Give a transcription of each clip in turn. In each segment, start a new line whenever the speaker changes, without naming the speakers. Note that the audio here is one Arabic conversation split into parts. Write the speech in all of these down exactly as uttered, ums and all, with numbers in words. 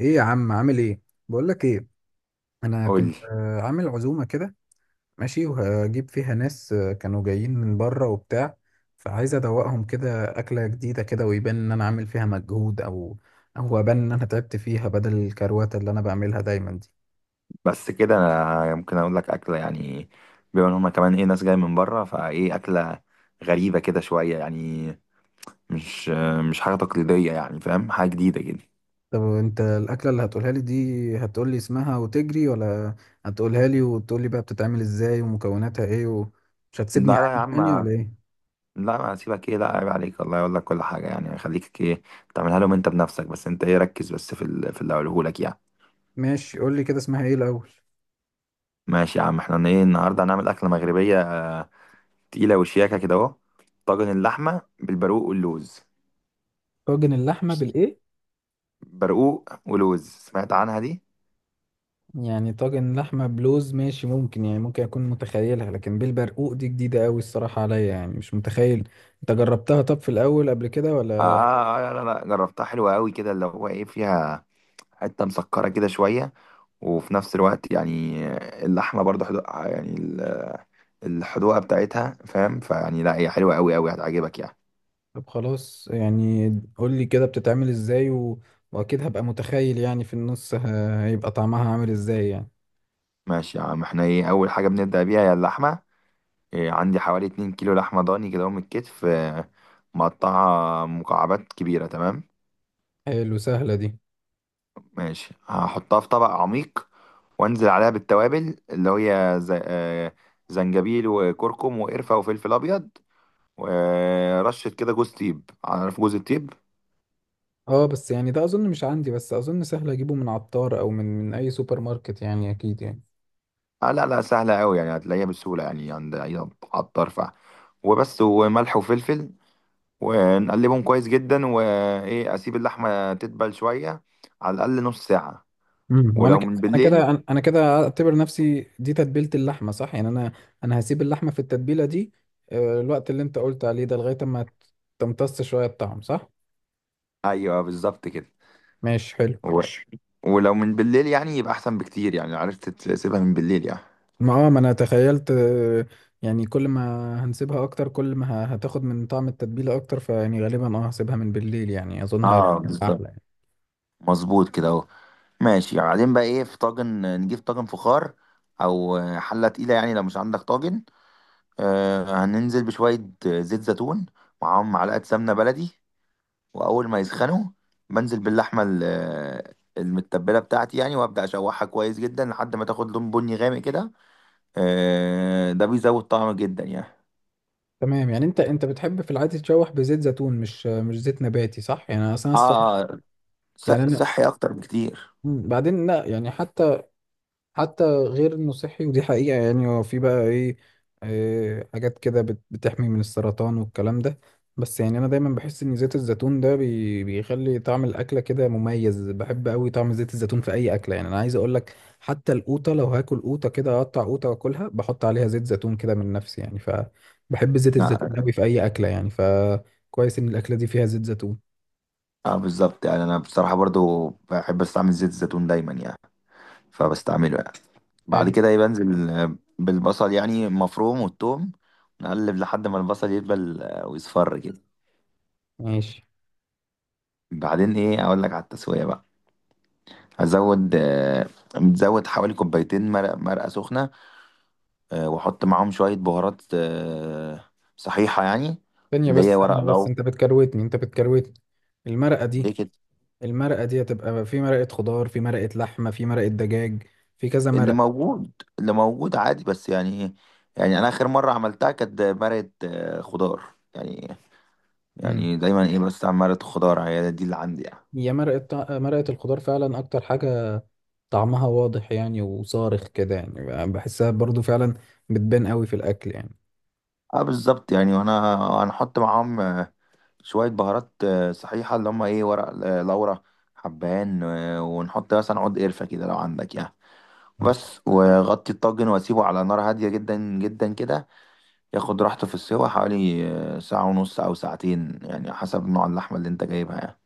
ايه يا عم، عامل ايه؟ بقول لك ايه، انا
قول.
كنت آه، عامل عزومه كده، ماشي، وهجيب فيها ناس آه، كانوا جايين من بره وبتاع، فعايز ادوقهم كده اكله جديده كده، ويبان ان انا عامل فيها مجهود، او او ابان ان انا تعبت فيها بدل الكروته اللي انا بعملها دايما دي.
بس كده انا ممكن اقول لك اكله يعني، بما ان هما كمان ايه ناس جايه من بره، فايه اكله غريبه كده شويه يعني. مش مش حاجه تقليديه يعني، فاهم؟ حاجه جديده كده.
طب انت الاكله اللي هتقولها لي دي، هتقول لي اسمها وتجري، ولا هتقولها لي وتقول لي بقى بتتعمل ازاي ومكوناتها ايه، ومش هتسيبني
لا لا يا
عادي
عم،
يعني، ولا ايه؟
لا، ما هسيبك ايه، لا عيب عليك، الله يقول لك كل حاجه يعني، خليك ايه تعملها لهم انت بنفسك. بس انت ايه ركز بس في ال- في اللي هقوله لك يعني.
ماشي، قول لي كده اسمها ايه الاول.
ماشي يا عم، احنا ايه النهارده هنعمل اكله مغربيه تقيله وشياكه كده اهو. طاجن اللحمه بالبرقوق واللوز.
طاجن اللحمه بالايه؟
برقوق ولوز، سمعت عنها دي؟
يعني طاجن لحمة بلوز ماشي، ممكن يعني، ممكن أكون متخيلها، لكن بالبرقوق دي جديدة أوي الصراحة عليا، يعني مش متخيل. أنت جربتها طب في الأول قبل كده،
آه,
ولا؟
آه, آه، لا لا جربتها، حلوة قوي كده، اللي هو ايه فيها حتة مسكرة كده شوية، وفي نفس الوقت يعني اللحمة برضه حدو... آه، يعني ال- الحدوقة بتاعتها، فاهم؟ فيعني لا، هي حلوة قوي قوي، هتعجبك يعني.
طب خلاص يعني، قولي كده بتتعمل إزاي و... وأكيد هبقى متخيل يعني في النص ه- هيبقى طعمها عامل إزاي يعني.
ماشي يا عم، احنا ايه أول حاجة بنبدأ بيها هي اللحمة. إيه عندي حوالي اتنين كيلو لحمة ضاني كده من الكتف، آه، مقطعة مكعبات كبيرة، تمام.
حلو، سهلة دي.
ماشي، هحطها في طبق عميق وانزل عليها بالتوابل اللي هي زي... آه، زنجبيل وكركم وقرفة وفلفل أبيض ورشه كده جوز تيب، عارف جوز التيب؟
اه بس يعني ده أظن مش عندي، بس أظن سهل أجيبه من عطار أو من من أي سوبر ماركت، يعني أكيد يعني.
آه لا لا، سهله قوي يعني، هتلاقيها بسهوله يعني عند اي عطار فرع. وبس، وملح وفلفل، ونقلبهم كويس جدا، وايه اسيب اللحمه تدبل شويه على الاقل نص ساعه،
امم وانا
ولو
كده
من
انا
بالليل.
كده انا أنا كده اعتبر نفسي دي تتبيله اللحمه، صح يعني؟ انا انا هسيب اللحمه في التتبيله دي آه، الوقت اللي انت قلت عليه ده، لغايه اما تمتص شويه الطعم، صح؟
ايوه بالظبط كده.
ماشي، حلو.
و... ماشي. ولو من بالليل يعني يبقى احسن بكتير يعني، عرفت تسيبها من بالليل يعني.
ما اه ما انا تخيلت، آه، يعني كل ما هنسيبها اكتر، كل ما ه- هتاخد من طعم التتبيله اكتر، فيعني غالبا اه هسيبها من بالليل يعني، اظن
اه
هيبقى
بالظبط،
احلى يعني.
مظبوط كده اهو. ماشي، بعدين بقى ايه، في طاجن نجيب طاجن فخار او حله تقيله يعني، لو مش عندك طاجن. آه هننزل بشوية زيت زيتون، معاهم معلقة سمنة بلدي. وأول ما يسخنوا بنزل باللحمة ال- آه، المتبلة بتاعتي يعني، وأبدأ أشوحها كويس جدا لحد ما تاخد لون بني غامق كده. آه ده بيزود طعم جدا يعني.
تمام، يعني انت انت بتحب في العادي تشوح بزيت زيتون، مش مش زيت نباتي، صح يعني؟ انا اصلا الصبح،
آه آه، ص-
يعني انا
صحي أكتر بكتير.
مم، بعدين لا يعني، حتى حتى غير انه صحي، ودي حقيقة يعني. هو في بقى ايه، آه، حاجات كده بت- بتحمي من السرطان والكلام ده. بس يعني انا دايما بحس ان زيت الزيتون ده بي- بيخلي طعم الاكلة كده مميز. بحب قوي طعم زيت الزيتون في اي اكلة، يعني انا عايز اقول لك، حتى القوطة، لو هاكل قوطة كده، اقطع قوطة واكلها بحط عليها زيت زيتون كده من نفسي يعني. فبحب زيت الزيتون
لا،
قوي في اي اكلة يعني، فكويس ان الاكلة دي فيها زيت زيتون.
اه بالظبط يعني، انا بصراحه برضو بحب استعمل زيت الزيتون دايما يعني، فبستعمله يعني. بعد
حلو.
كده ايه بنزل آه، بالبصل يعني مفروم والثوم. نقلب لحد ما البصل يدبل آه، ويصفر كده.
ماشي.
بعدين ايه اقول لك على التسويه بقى. هزود آه، متزود حوالي كوبايتين مرق، مرقه سخنه، آه، واحط معاهم شويه بهارات آه، صحيحه يعني،
ثانية
اللي هي
بس
ورق
ثانية بس
لو...
انت بتكروتني انت بتكروتني. المرقة دي،
ليه كده؟
المرقة دي هتبقى في مرقة خضار، في مرقة لحمة، في مرقة دجاج، في كذا
اللي
مرقة.
موجود، اللي موجود عادي بس يعني ايه. يعني انا اخر مره عملتها كانت مرقه آه، خضار يعني.
امم،
يعني دايما ايه بس عن مرقه خضار، هي دي اللي عندي يعني.
هي مرقة طع- مرقة الخضار فعلا أكتر حاجة طعمها واضح يعني، وصارخ كده يعني، بحسها برضو فعلا بتبان قوي في الأكل يعني.
اه بالظبط يعني، وانا هنحط معاهم شوية بهارات آه، صحيحة اللي هما ايه ورق، آه، لورا، حبهان، آه، ونحط مثلا عود قرفة كده لو عندك يعني.
مم.
بس، وغطي الطاجن واسيبه على نار هادية جدا جدا كده، ياخد راحته في السوا حوالي آه، ساعة ونص أو ساعتين يعني، حسب نوع اللحمة اللي انت جايبها يعني.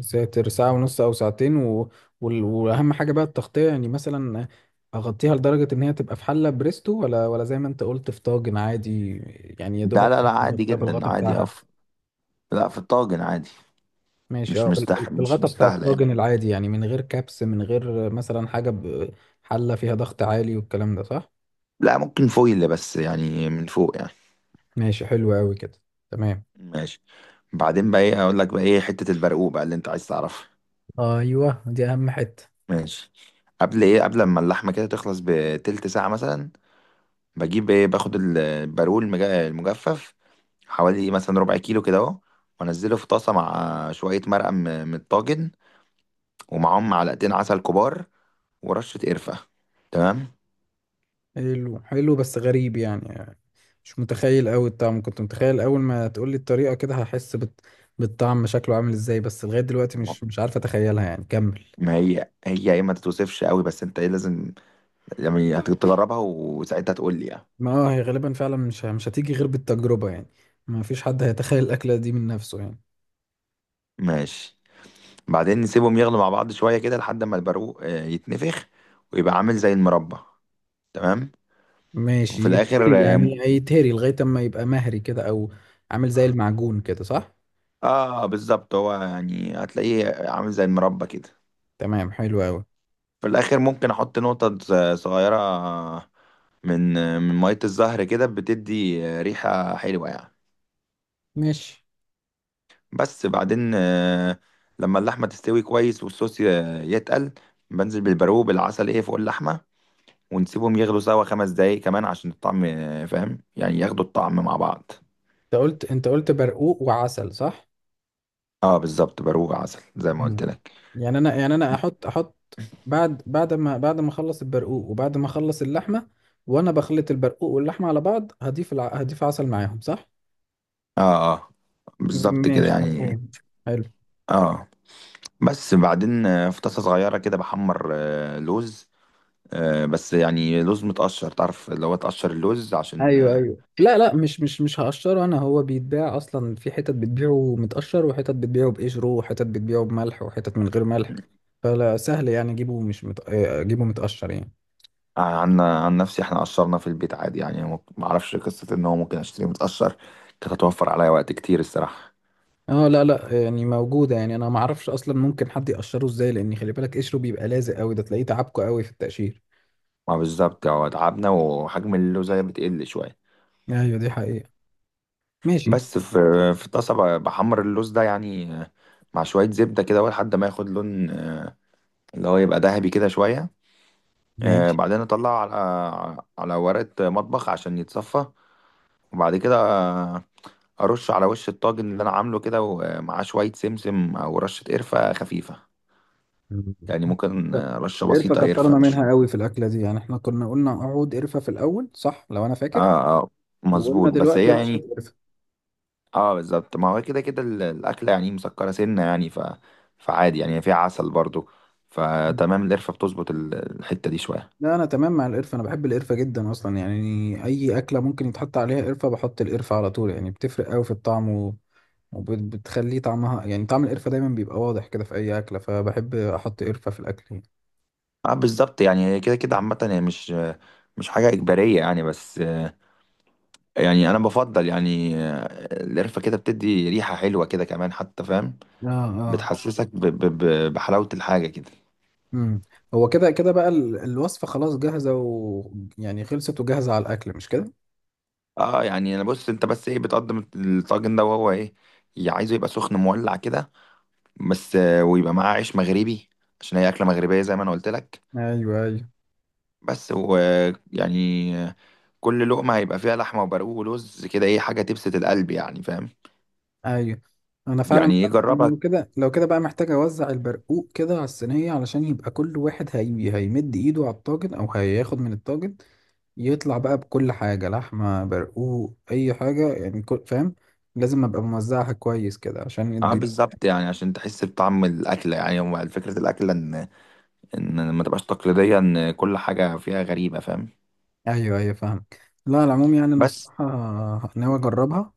ساتر ساعة ونص أو ساعتين و... وال... وأهم حاجة بقى التغطية، يعني مثلا أغطيها لدرجة إن هي تبقى في حلة بريستو، ولا ولا زي ما أنت قلت في طاجن عادي؟ يعني يا
ده
دوبك
لا لا عادي
مغطيها
جدا
بالغطا
عادي
بتاعها؟
أف... لا، في الطاجن عادي.
ماشي،
مش
اه بال- بال-
مستح مش
بالغطا بتاع
مستاهلة يعني.
الطاجن العادي يعني، من غير كبس، من غير مثلا حاجة ب- حلة فيها ضغط عالي والكلام ده، صح؟
لا، ممكن فويل بس يعني من فوق يعني.
ماشي، حلو قوي كده. تمام.
ماشي، بعدين بقى ايه، اقول لك بقى ايه حتة البرقوق بقى اللي انت عايز تعرفها.
ايوه، دي اهم حتة.
ماشي. قبل ايه، قبل ما اللحمه كده تخلص بتلت ساعه مثلا، بجيب ايه، باخد البارول المج- المجفف حوالي مثلا ربع كيلو كده اهو. وانزله في طاسه مع شويه مرقه م- من الطاجن، ومعاهم معلقتين عسل كبار ورشه قرفه، تمام.
حلو حلو، بس غريب يعني. مش متخيل قوي الطعم، كنت متخيل اول ما تقول لي الطريقة كده هحس بت... بالطعم شكله عامل ازاي، بس لغاية دلوقتي مش مش عارف اتخيلها يعني. كمل.
ما هي هي ايه ما تتوصفش قوي، بس انت ايه لازم يعني هتجربها وساعتها تقول لي يعني.
ما اه، هي غالبا فعلا مش ه- مش هتيجي غير بالتجربة يعني، ما فيش حد هيتخيل الأكلة دي من نفسه يعني.
ماشي، بعدين نسيبهم يغلوا مع بعض شويه كده لحد ما البارو آه، يتنفخ ويبقى عامل زي المربى، تمام.
ماشي،
وفي الاخر
يتهري يعني؟ هيتهري لغاية اما يبقى مهري كده، او عامل زي المعجون كده، صح؟
اه بالظبط، هو يعني هتلاقيه عامل زي المربى كده.
تمام، حلو قوي.
في الاخر ممكن احط نقطة ص- صغيرة من من مية الزهر كده، بتدي ريحة حلوة يعني.
ماشي.
بس بعدين آه، لما اللحمة تستوي كويس والصوص ي- يتقل، بنزل بالبرو بالعسل ايه فوق اللحمة، ونسيبهم يغلوا سوا خمس دقايق كمان عشان الطعم آه، فاهم؟ يعني ياخدوا الطعم مع بعض.
انت قلت، انت قلت برقوق وعسل، صح؟
اه بالظبط، برو عسل زي ما قلت
مم.
لك.
يعني انا يعني انا احط، احط بعد، بعد ما بعد ما اخلص البرقوق، وبعد ما اخلص اللحمة وانا بخلط البرقوق واللحمة على بعض، هضيف الع... هضيف عسل معاهم، صح؟
اه اه، بالظبط كده
ماشي،
يعني.
مفهوم، حلو.
اه. بس بعدين آه، في طاسة صغيرة كده بحمر آه، لوز، آه، بس يعني لوز متقشر، تعرف اللي هو تقشر اللوز عشان
ايوه ايوه، لا لا، مش مش مش هقشره انا. هو بيتباع اصلا، في حتت بتبيعه متقشر، وحتت بتبيعه بقشره، وحتت بتبيعه بملح، وحتت من غير ملح. فلا، سهل يعني اجيبه مش مت... آه، اجيبه متقشر يعني.
آه، عن عن نفسي احنا قشرنا في البيت عادي يعني، ما ما اعرفش قصة ان هو ممكن اشتري متقشر، كانت هتوفر عليا وقت كتير الصراحة.
اه لا لا، يعني موجوده يعني، انا ما اعرفش اصلا ممكن حد يقشره ازاي، لان خلي بالك قشره بيبقى لازق قوي، ده تلاقيه تعبكه قوي في التقشير.
ما بالظبط، هو تعبنا وحجم اللوزة بتقل شوية.
ايوه، دي حقيقه. ماشي.
بس في في طاسة ب- بحمر اللوز ده يعني، آه، مع شوية زبدة كده لحد ما ياخد لون، آه، اللي هو يبقى ذهبي كده شوية. آه،
ماشي.
بعدين اطلع على على ورقة مطبخ عشان يتصفى، وبعد كده آه، ارش على وش الطاجن اللي انا عامله كده ومعاه شوية سمسم او رشة قرفة خفيفة يعني، ممكن
ف-
آه، رشة
القرفة
بسيطة قرفة
كترنا
مش...
منها قوي في الأكلة دي يعني، احنا كنا قلنا عود قرفة في الأول، صح لو أنا فاكر؟
اه اه
وقلنا
مظبوط، بس هي
دلوقتي رشة
يعني...
قرفة.
اه بالظبط، ما هو كده كده ال- الاكلة يعني مسكرة سنة يعني، ف فعادي يعني فيها عسل برضو، فتمام القرفة بتظبط ال- الحتة دي شوية.
لا انا تمام مع القرفه، انا بحب القرفه جدا اصلا يعني، اي اكله ممكن يتحط عليها قرفه بحط القرفه على طول يعني، بتفرق قوي في الطعم و... وبتخليه طعمها يعني، طعم القرفه دايما بيبقى واضح كده في اي اكله، فبحب احط قرفه في الاكل يعني.
اه بالظبط يعني، هي كده كده عامة هي مش مش حاجة إجبارية يعني، بس يعني انا بفضل يعني آه، القرفه كده بتدي ريحه حلوه كده كمان حتى، فاهم؟
اه. اه.
بتحسسك ب ب ب بحلاوه الحاجه كده.
امم. هو كده كده بقى ال- الوصفه خلاص جاهزه، ويعني خلصت وجاهزه على الاكل، مش كده؟
اه يعني، انا بص انت بس ايه بتقدم الطاجن ده وهو ايه يا عايزه يبقى سخن مولع كده، بس آه، ويبقى معاه عيش مغربي عشان هي اكله مغربيه زي ما انا قلت لك،
ايوه ايوه
بس ويعني كل لقمه هيبقى فيها لحمه وبرقوق ولوز كده ايه حاجه تبسط القلب يعني، فاهم؟
ايوه. انا فعلا
يعني ايه
بقى- أنا
جربها.
لو كده، لو كده بقى محتاج اوزع البرقوق كده على الصينيه، علشان يبقى كل واحد هي... هيمد ايده على الطاجن او هياخد من الطاجن، يطلع بقى بكل حاجة، لحمة برقوق أي حاجة يعني، كل فاهم؟ لازم أبقى موزعها كويس كده عشان
اه
الضيوف.
بالظبط يعني عشان تحس بطعم الاكله يعني، هو فكره الاكله ان ان ما تبقاش تقليدية، ان كل حاجة فيها غريبة، فاهم؟
أيوه أيوه، فاهمك. لا على العموم يعني، أنا
بس
الصراحة ناوي أجربها.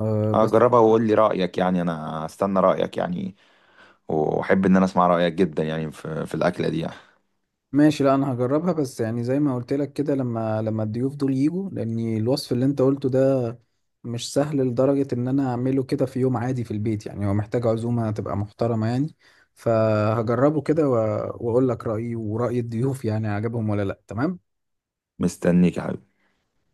أه بس،
هجربها وقول لي رأيك يعني، انا استنى رأيك يعني، واحب ان انا اسمع رأيك جدا يعني في في الأكلة دي يعني.
ماشي، لا أنا هجربها، بس يعني زي ما قلت لك كده، لما لما الضيوف دول يجوا، لأن الوصف اللي أنت قلته ده مش سهل لدرجة إن أنا أعمله كده في يوم عادي في البيت يعني، هو محتاج عزومة تبقى محترمة يعني. فهجربه كده و- وأقول لك رأيي ورأي الضيوف، يعني عجبهم ولا لأ. تمام.
مستنيك يا حبيبي.